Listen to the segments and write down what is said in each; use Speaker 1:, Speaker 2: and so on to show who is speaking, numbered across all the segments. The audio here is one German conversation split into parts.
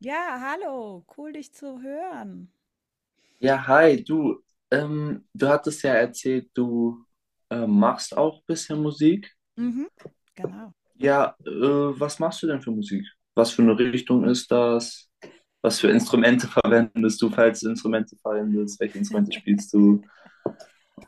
Speaker 1: Ja, hallo, cool dich zu hören.
Speaker 2: Ja, hi, du. Du hattest ja erzählt, du machst auch ein bisschen Musik.
Speaker 1: Mhm, genau.
Speaker 2: Ja, was machst du denn für Musik? Was für eine Richtung ist das? Was für
Speaker 1: Ja.
Speaker 2: Instrumente verwendest du, falls du Instrumente verwendest? Welche Instrumente spielst du?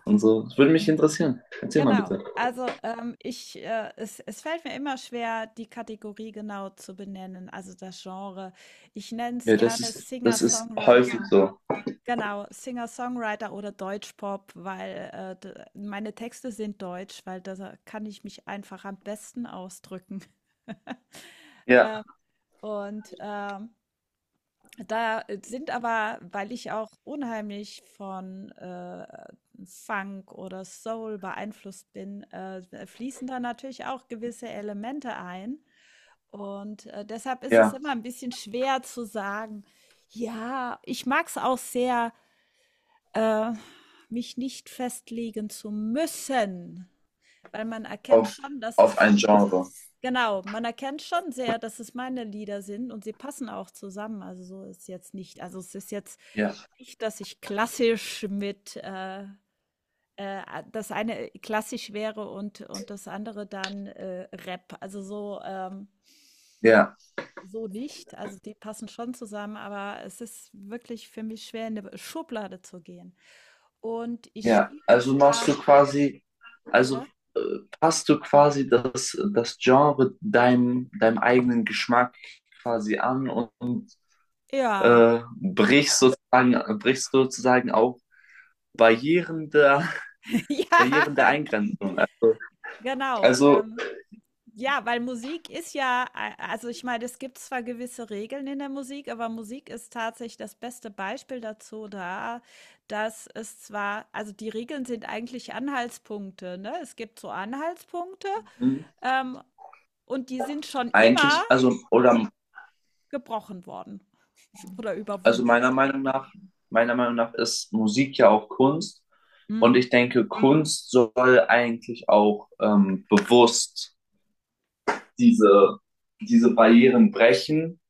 Speaker 2: Und so. Das würde mich interessieren. Erzähl mal
Speaker 1: Genau.
Speaker 2: bitte.
Speaker 1: Also, ich, es fällt mir immer schwer, die Kategorie genau zu benennen, also das Genre. Ich nenne es
Speaker 2: Ja, das
Speaker 1: gerne
Speaker 2: ist, das ist häufig
Speaker 1: Singer-Songwriter.
Speaker 2: so.
Speaker 1: Genau, Singer-Songwriter oder Deutschpop, weil meine Texte sind deutsch, weil da kann ich mich einfach am besten ausdrücken.
Speaker 2: Ja,
Speaker 1: Ähm, und Da sind aber, weil ich auch unheimlich von Funk oder Soul beeinflusst bin, fließen da natürlich auch gewisse Elemente ein. Und deshalb ist es
Speaker 2: ja,
Speaker 1: immer ein bisschen schwer zu sagen, ja, ich mag es auch sehr, äh, mich nicht festlegen zu müssen, weil man erkennt
Speaker 2: auf,
Speaker 1: schon, dass es
Speaker 2: auf ein
Speaker 1: meine
Speaker 2: Genre.
Speaker 1: Genau, man erkennt schon sehr, dass es meine Lieder sind und sie passen auch zusammen. Also, so ist jetzt nicht also, es ist jetzt
Speaker 2: Ja,
Speaker 1: nicht, dass ich klassisch mit, das eine klassisch wäre und das andere dann, Rap. Also, so,
Speaker 2: ja.
Speaker 1: so nicht. Also, die passen schon zusammen, aber es ist wirklich für mich schwer, in 'ne Schublade zu gehen. Und ich
Speaker 2: Ja,
Speaker 1: spiele
Speaker 2: also
Speaker 1: zwar
Speaker 2: machst du quasi, also
Speaker 1: ja?
Speaker 2: äh, passt du quasi das Genre deinem eigenen Geschmack quasi an und
Speaker 1: Ja.
Speaker 2: brichst sozusagen auch Barrieren der,
Speaker 1: Ja,
Speaker 2: Barrieren der Eingrenzung.
Speaker 1: genau,
Speaker 2: Also
Speaker 1: Ja, weil Musik ist ja a also, ich meine, es gibt zwar gewisse Regeln in der Musik, aber Musik ist tatsächlich das beste Beispiel dazu da, dass es zwar also, die Regeln sind eigentlich Anhaltspunkte, ne? Es gibt so Anhaltspunkte,
Speaker 2: mh,
Speaker 1: ähm, und die sind schon immer
Speaker 2: eigentlich, also,
Speaker 1: ge
Speaker 2: oder,
Speaker 1: gebrochen worden oder
Speaker 2: also
Speaker 1: überwunden worden.
Speaker 2: Meiner Meinung nach ist Musik ja auch Kunst und
Speaker 1: Mhm,
Speaker 2: ich denke, Kunst soll eigentlich auch bewusst diese, diese Barrieren brechen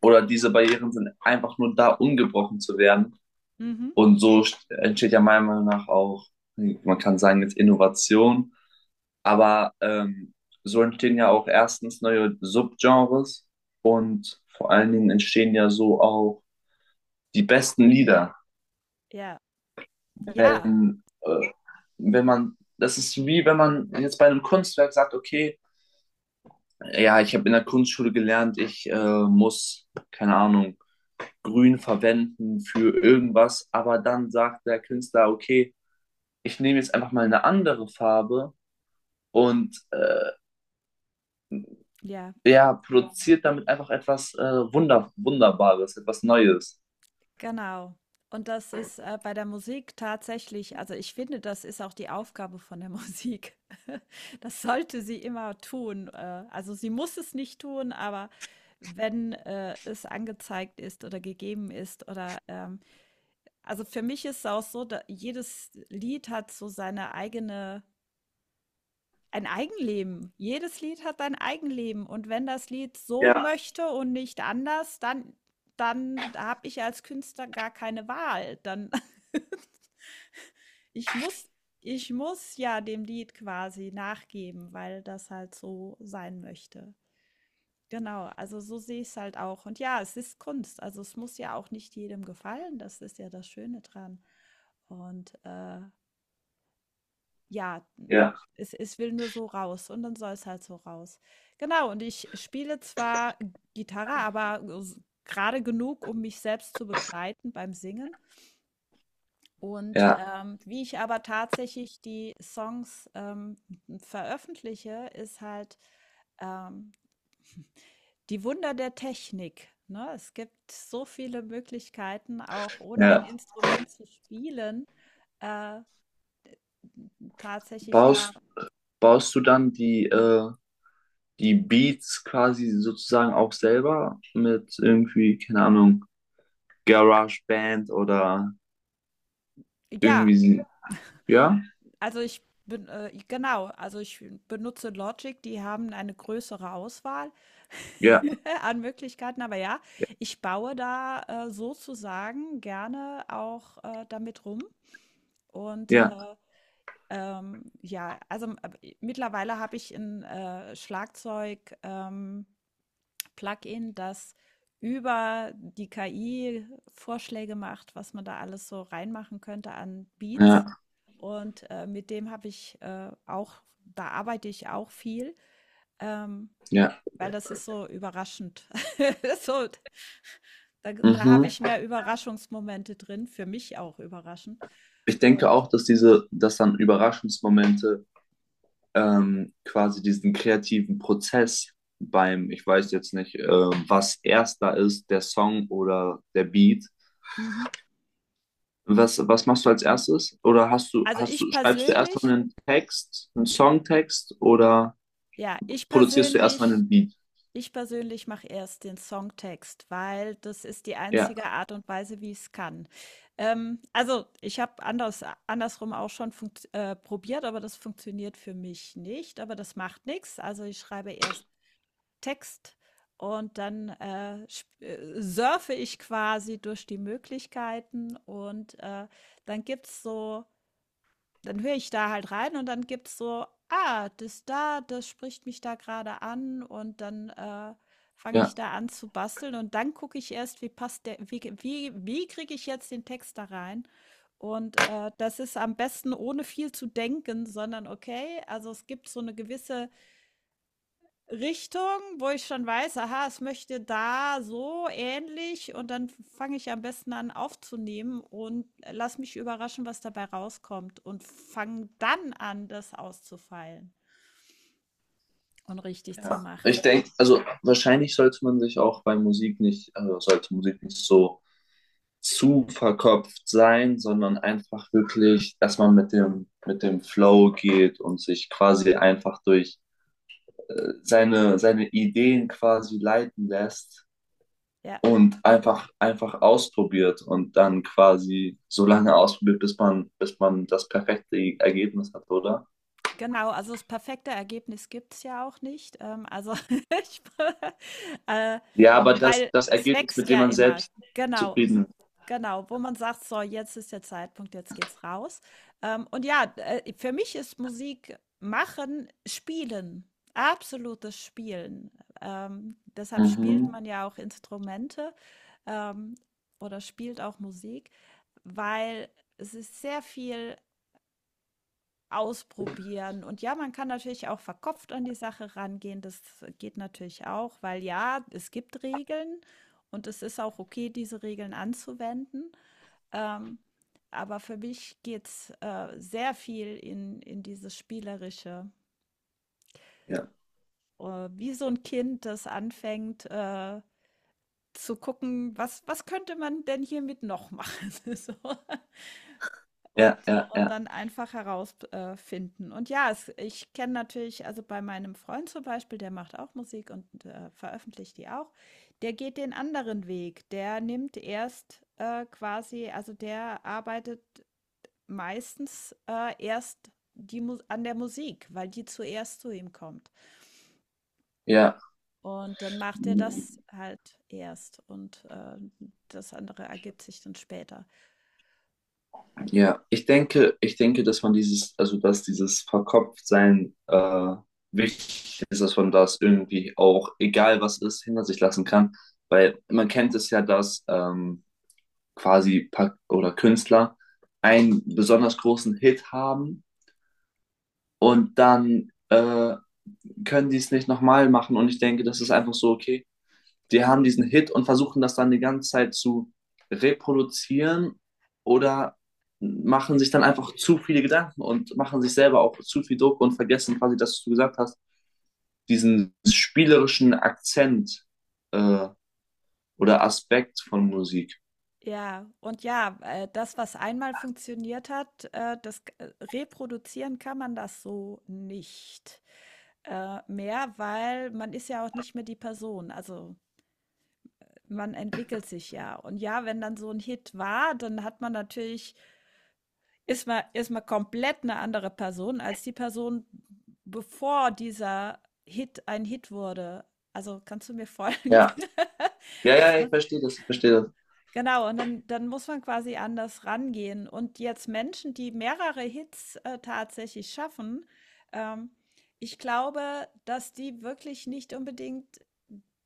Speaker 2: oder diese Barrieren sind einfach nur da, um gebrochen zu werden.
Speaker 1: mhm.
Speaker 2: Und so entsteht ja meiner Meinung nach auch, man kann sagen, jetzt Innovation, aber so entstehen ja auch erstens neue Subgenres und vor allen Dingen entstehen ja so auch die besten Lieder.
Speaker 1: Ja, ja,
Speaker 2: Wenn, äh, wenn man, das ist wie wenn man jetzt bei einem Kunstwerk sagt, okay, ja, ich habe in der Kunstschule gelernt, ich muss, keine Ahnung, grün verwenden für irgendwas, aber dann sagt der Künstler, okay, ich nehme jetzt einfach mal eine andere Farbe und
Speaker 1: ja.
Speaker 2: ja, produziert damit einfach etwas Wunder Wunderbares, etwas Neues.
Speaker 1: Genau. Und das ist, bei der Musik tatsächlich also, ich finde, das ist auch die Aufgabe von der Musik. Das sollte sie immer tun. Also, sie muss es nicht tun, aber wenn, es angezeigt ist oder gegeben ist oder, also, für mich ist es auch so, da jedes Lied hat so seine eigene ein Eigenleben. Jedes Lied hat ein Eigenleben und wenn das Lied so
Speaker 2: Ja,
Speaker 1: möchte und nicht anders, dann dann habe ich als Künstler gar keine Wahl. Dann ich muss ich muss ja dem Lied quasi nachgeben, weil das halt so sein möchte. Genau, also so sehe ich es halt auch. Und ja, es ist Kunst. Also, es muss ja auch nicht jedem gefallen. Das ist ja das Schöne dran. Und, ja,
Speaker 2: ja.
Speaker 1: es will nur so raus und dann soll es halt so raus. Genau, und ich spiele zwar Gitarre, aber s grade genug, um mich selbst zu begleiten beim Singen. Und,
Speaker 2: Ja,
Speaker 1: wie ich aber tatsächlich die Songs, veröffentliche, ist halt, ähm, die Wunder der Technik, ne? Es gibt so viele Möglichkeiten, auch ohne ein
Speaker 2: ja.
Speaker 1: Instrument zu spielen, äh, tatsächlich da
Speaker 2: Baust, baust du dann die, die Beats quasi sozusagen auch selber mit irgendwie, keine Ahnung, GarageBand oder
Speaker 1: ja.
Speaker 2: irgendwie, sie ja,
Speaker 1: Also ich bin, genau, also ich benutze Logic, die haben eine größere Auswahl
Speaker 2: ja,
Speaker 1: an Möglichkeiten, aber ja,
Speaker 2: ja,
Speaker 1: ich baue da sozusagen gerne auch damit rum. Und
Speaker 2: ja,
Speaker 1: äh, ja, also mittlerweile habe ich ein Schlagzeug. Plugin, das über die KI Vorschläge macht, was man da alles so reinmachen könnte an Beats.
Speaker 2: ja,
Speaker 1: Und mit dem habe ich auch, da arbeite ich auch viel, ähm,
Speaker 2: ja.
Speaker 1: weil das ist so überraschend. so, da habe
Speaker 2: Mhm.
Speaker 1: ich mehr Überraschungsmomente drin, für mich auch überraschend.
Speaker 2: Ich denke
Speaker 1: Und
Speaker 2: auch, dass diese, dass dann Überraschungsmomente quasi diesen kreativen Prozess beim, ich weiß jetzt nicht, was erst da ist, der Song oder der Beat.
Speaker 1: mhm.
Speaker 2: Was, was machst du als erstes? Oder
Speaker 1: Also
Speaker 2: hast
Speaker 1: ich
Speaker 2: du, schreibst du erstmal
Speaker 1: persönlich,
Speaker 2: einen Text, einen Songtext oder
Speaker 1: ja, ich
Speaker 2: produzierst du erstmal
Speaker 1: persönlich
Speaker 2: einen Beat?
Speaker 1: ich persönlich mache erst den Songtext, weil das ist die
Speaker 2: Ja,
Speaker 1: einzige Art und Weise, wie ich es kann. Also, ich habe andersrum auch schon funkt probiert, aber das funktioniert für mich nicht, aber das macht nichts. Also, ich schreibe erst Text und dann, sp surfe ich quasi durch die Möglichkeiten und, dann gibt's so dann höre ich da halt rein und dann gibt's so: „Ah, das da, das spricht mich da gerade an“, und dann, fange
Speaker 2: ja,
Speaker 1: ich da an zu basteln und dann gucke ich erst, wie passt der wie wie wie kriege ich jetzt den Text da rein? Und, das ist am besten ohne viel zu denken, sondern okay, also es gibt so eine gewisse Richtung, wo ich schon weiß, aha, es möchte da so ähnlich, und dann fange ich am besten an aufzunehmen und lass mich überraschen, was dabei rauskommt, und fange dann an, das auszufeilen und richtig zu
Speaker 2: ja. Ich
Speaker 1: machen.
Speaker 2: denke, also wahrscheinlich sollte man sich auch bei Musik nicht, also sollte Musik nicht so zu verkopft sein, sondern einfach wirklich, dass man mit dem Flow geht und sich quasi einfach durch seine, seine Ideen quasi leiten lässt
Speaker 1: Ja,
Speaker 2: und einfach, einfach ausprobiert und dann quasi so lange ausprobiert, bis man das perfekte Ergebnis hat, oder?
Speaker 1: genau, also das perfekte Ergebnis gibt es ja auch nicht. Also ich, äh,
Speaker 2: Ja, aber das,
Speaker 1: weil
Speaker 2: das
Speaker 1: es
Speaker 2: Ergebnis,
Speaker 1: wächst
Speaker 2: mit dem
Speaker 1: ja
Speaker 2: man
Speaker 1: immer.
Speaker 2: selbst
Speaker 1: Genau.
Speaker 2: zufrieden ist.
Speaker 1: Genau, wo man sagt: „So, jetzt ist der Zeitpunkt, jetzt geht's raus.“ Und ja, für mich ist Musik machen Spielen, absolutes Spielen. Deshalb spielt
Speaker 2: Mhm.
Speaker 1: man ja auch Instrumente, ähm, oder spielt auch Musik, weil es ist sehr viel Ausprobieren. Und ja, man kann natürlich auch verkopft an die Sache rangehen. Das geht natürlich auch, weil ja, es gibt Regeln und es ist auch okay, diese Regeln anzuwenden. Ähm, aber für mich geht's sehr viel in dieses Spielerische.
Speaker 2: Ja,
Speaker 1: Wie so ein Kind, das anfängt zu gucken, was, was könnte man denn hiermit noch machen? So. Und
Speaker 2: ja, ja,
Speaker 1: und
Speaker 2: ja,
Speaker 1: dann einfach herausfinden finden. Und ja, es ich kenne natürlich also, bei meinem Freund zum Beispiel, der macht auch Musik und, veröffentlicht die auch. Der geht den anderen Weg. Der nimmt erst, quasi also, der arbeitet meistens, erst die Mus an der Musik, weil die zuerst zu ihm kommt. Und dann macht er
Speaker 2: ja.
Speaker 1: das halt erst und, das andere ergibt sich dann später.
Speaker 2: Ja, ich denke, dass man dieses, also dass dieses Verkopftsein wichtig ist, dass man das irgendwie auch, egal was ist, hinter sich lassen kann. Weil man kennt es ja, dass quasi Pa- oder Künstler einen besonders großen Hit haben und dann können die es nicht nochmal machen. Und ich denke, das ist einfach so, okay, die haben diesen Hit und versuchen das dann die ganze Zeit zu reproduzieren oder machen sich dann einfach zu viele Gedanken und machen sich selber auch zu viel Druck und vergessen quasi, dass du gesagt hast, diesen spielerischen Akzent äh, oder Aspekt von Musik.
Speaker 1: Ja, und ja, das, was einmal funktioniert hat, reproduzieren kann man das so nicht mehr, weil man ist ja auch nicht mehr die Person. Also man entwickelt sich ja. Und ja, wenn dann so ein Hit war, dann hat man natürlich, ist man komplett eine andere Person als die Person, bevor dieser Hit ein Hit wurde. Also kannst du mir folgen?
Speaker 2: Ja, ja, ja, ich verstehe das, ich verstehe das.
Speaker 1: Genau, und dann muss man quasi anders rangehen. Und jetzt Menschen, die mehrere Hits, tatsächlich schaffen, ähm, ich glaube, dass die wirklich nicht unbedingt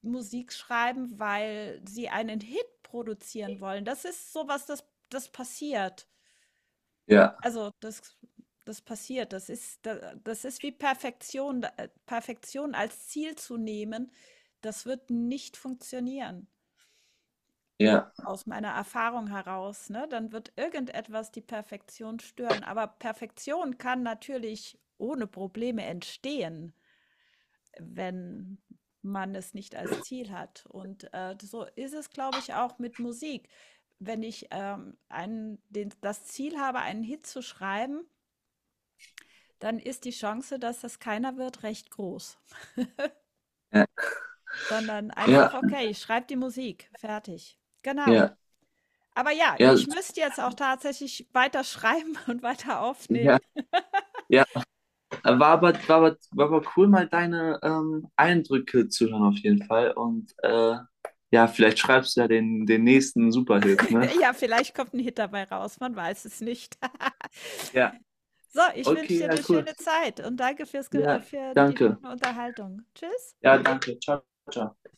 Speaker 1: Musik schreiben, weil sie einen Hit produzieren wollen. Das ist sowas, das passiert.
Speaker 2: Ja,
Speaker 1: Also, das passiert. Das ist wie Perfektion. Da Perfektion als Ziel zu nehmen, das wird nicht funktionieren.
Speaker 2: ja,
Speaker 1: Aus meiner Erfahrung heraus, ne? Dann wird irgendetwas die Perfektion stören. Aber Perfektion kann natürlich ohne Probleme entstehen, wenn man es nicht als Ziel hat. Und, so ist es, glaube ich, auch mit Musik. Wenn ich, einen den das Ziel habe, einen Hit zu schreiben, dann ist die Chance, dass das keiner wird, recht groß,
Speaker 2: ja,
Speaker 1: sondern
Speaker 2: ja,
Speaker 1: einfach: „Okay, ich schreibe die Musik, fertig.“ Genau.
Speaker 2: ja,
Speaker 1: Aber ja,
Speaker 2: ja,
Speaker 1: ich müsste jetzt auch tatsächlich weiter schreiben und weiter
Speaker 2: ja,
Speaker 1: aufnehmen.
Speaker 2: ja, war aber, war aber, war aber cool, mal deine Eindrücke zu hören auf jeden Fall. Und ja, vielleicht schreibst du ja den, den nächsten Superhit, ne?
Speaker 1: Ja, vielleicht kommt ein Hit dabei raus, man weiß es nicht.
Speaker 2: Ja,
Speaker 1: So, ich wünsche
Speaker 2: okay,
Speaker 1: dir
Speaker 2: ja,
Speaker 1: eine
Speaker 2: cool.
Speaker 1: schöne Zeit und danke
Speaker 2: Ja,
Speaker 1: für die
Speaker 2: danke.
Speaker 1: schöne Unterhaltung. Tschüss.
Speaker 2: Ja, danke. Ciao, ciao.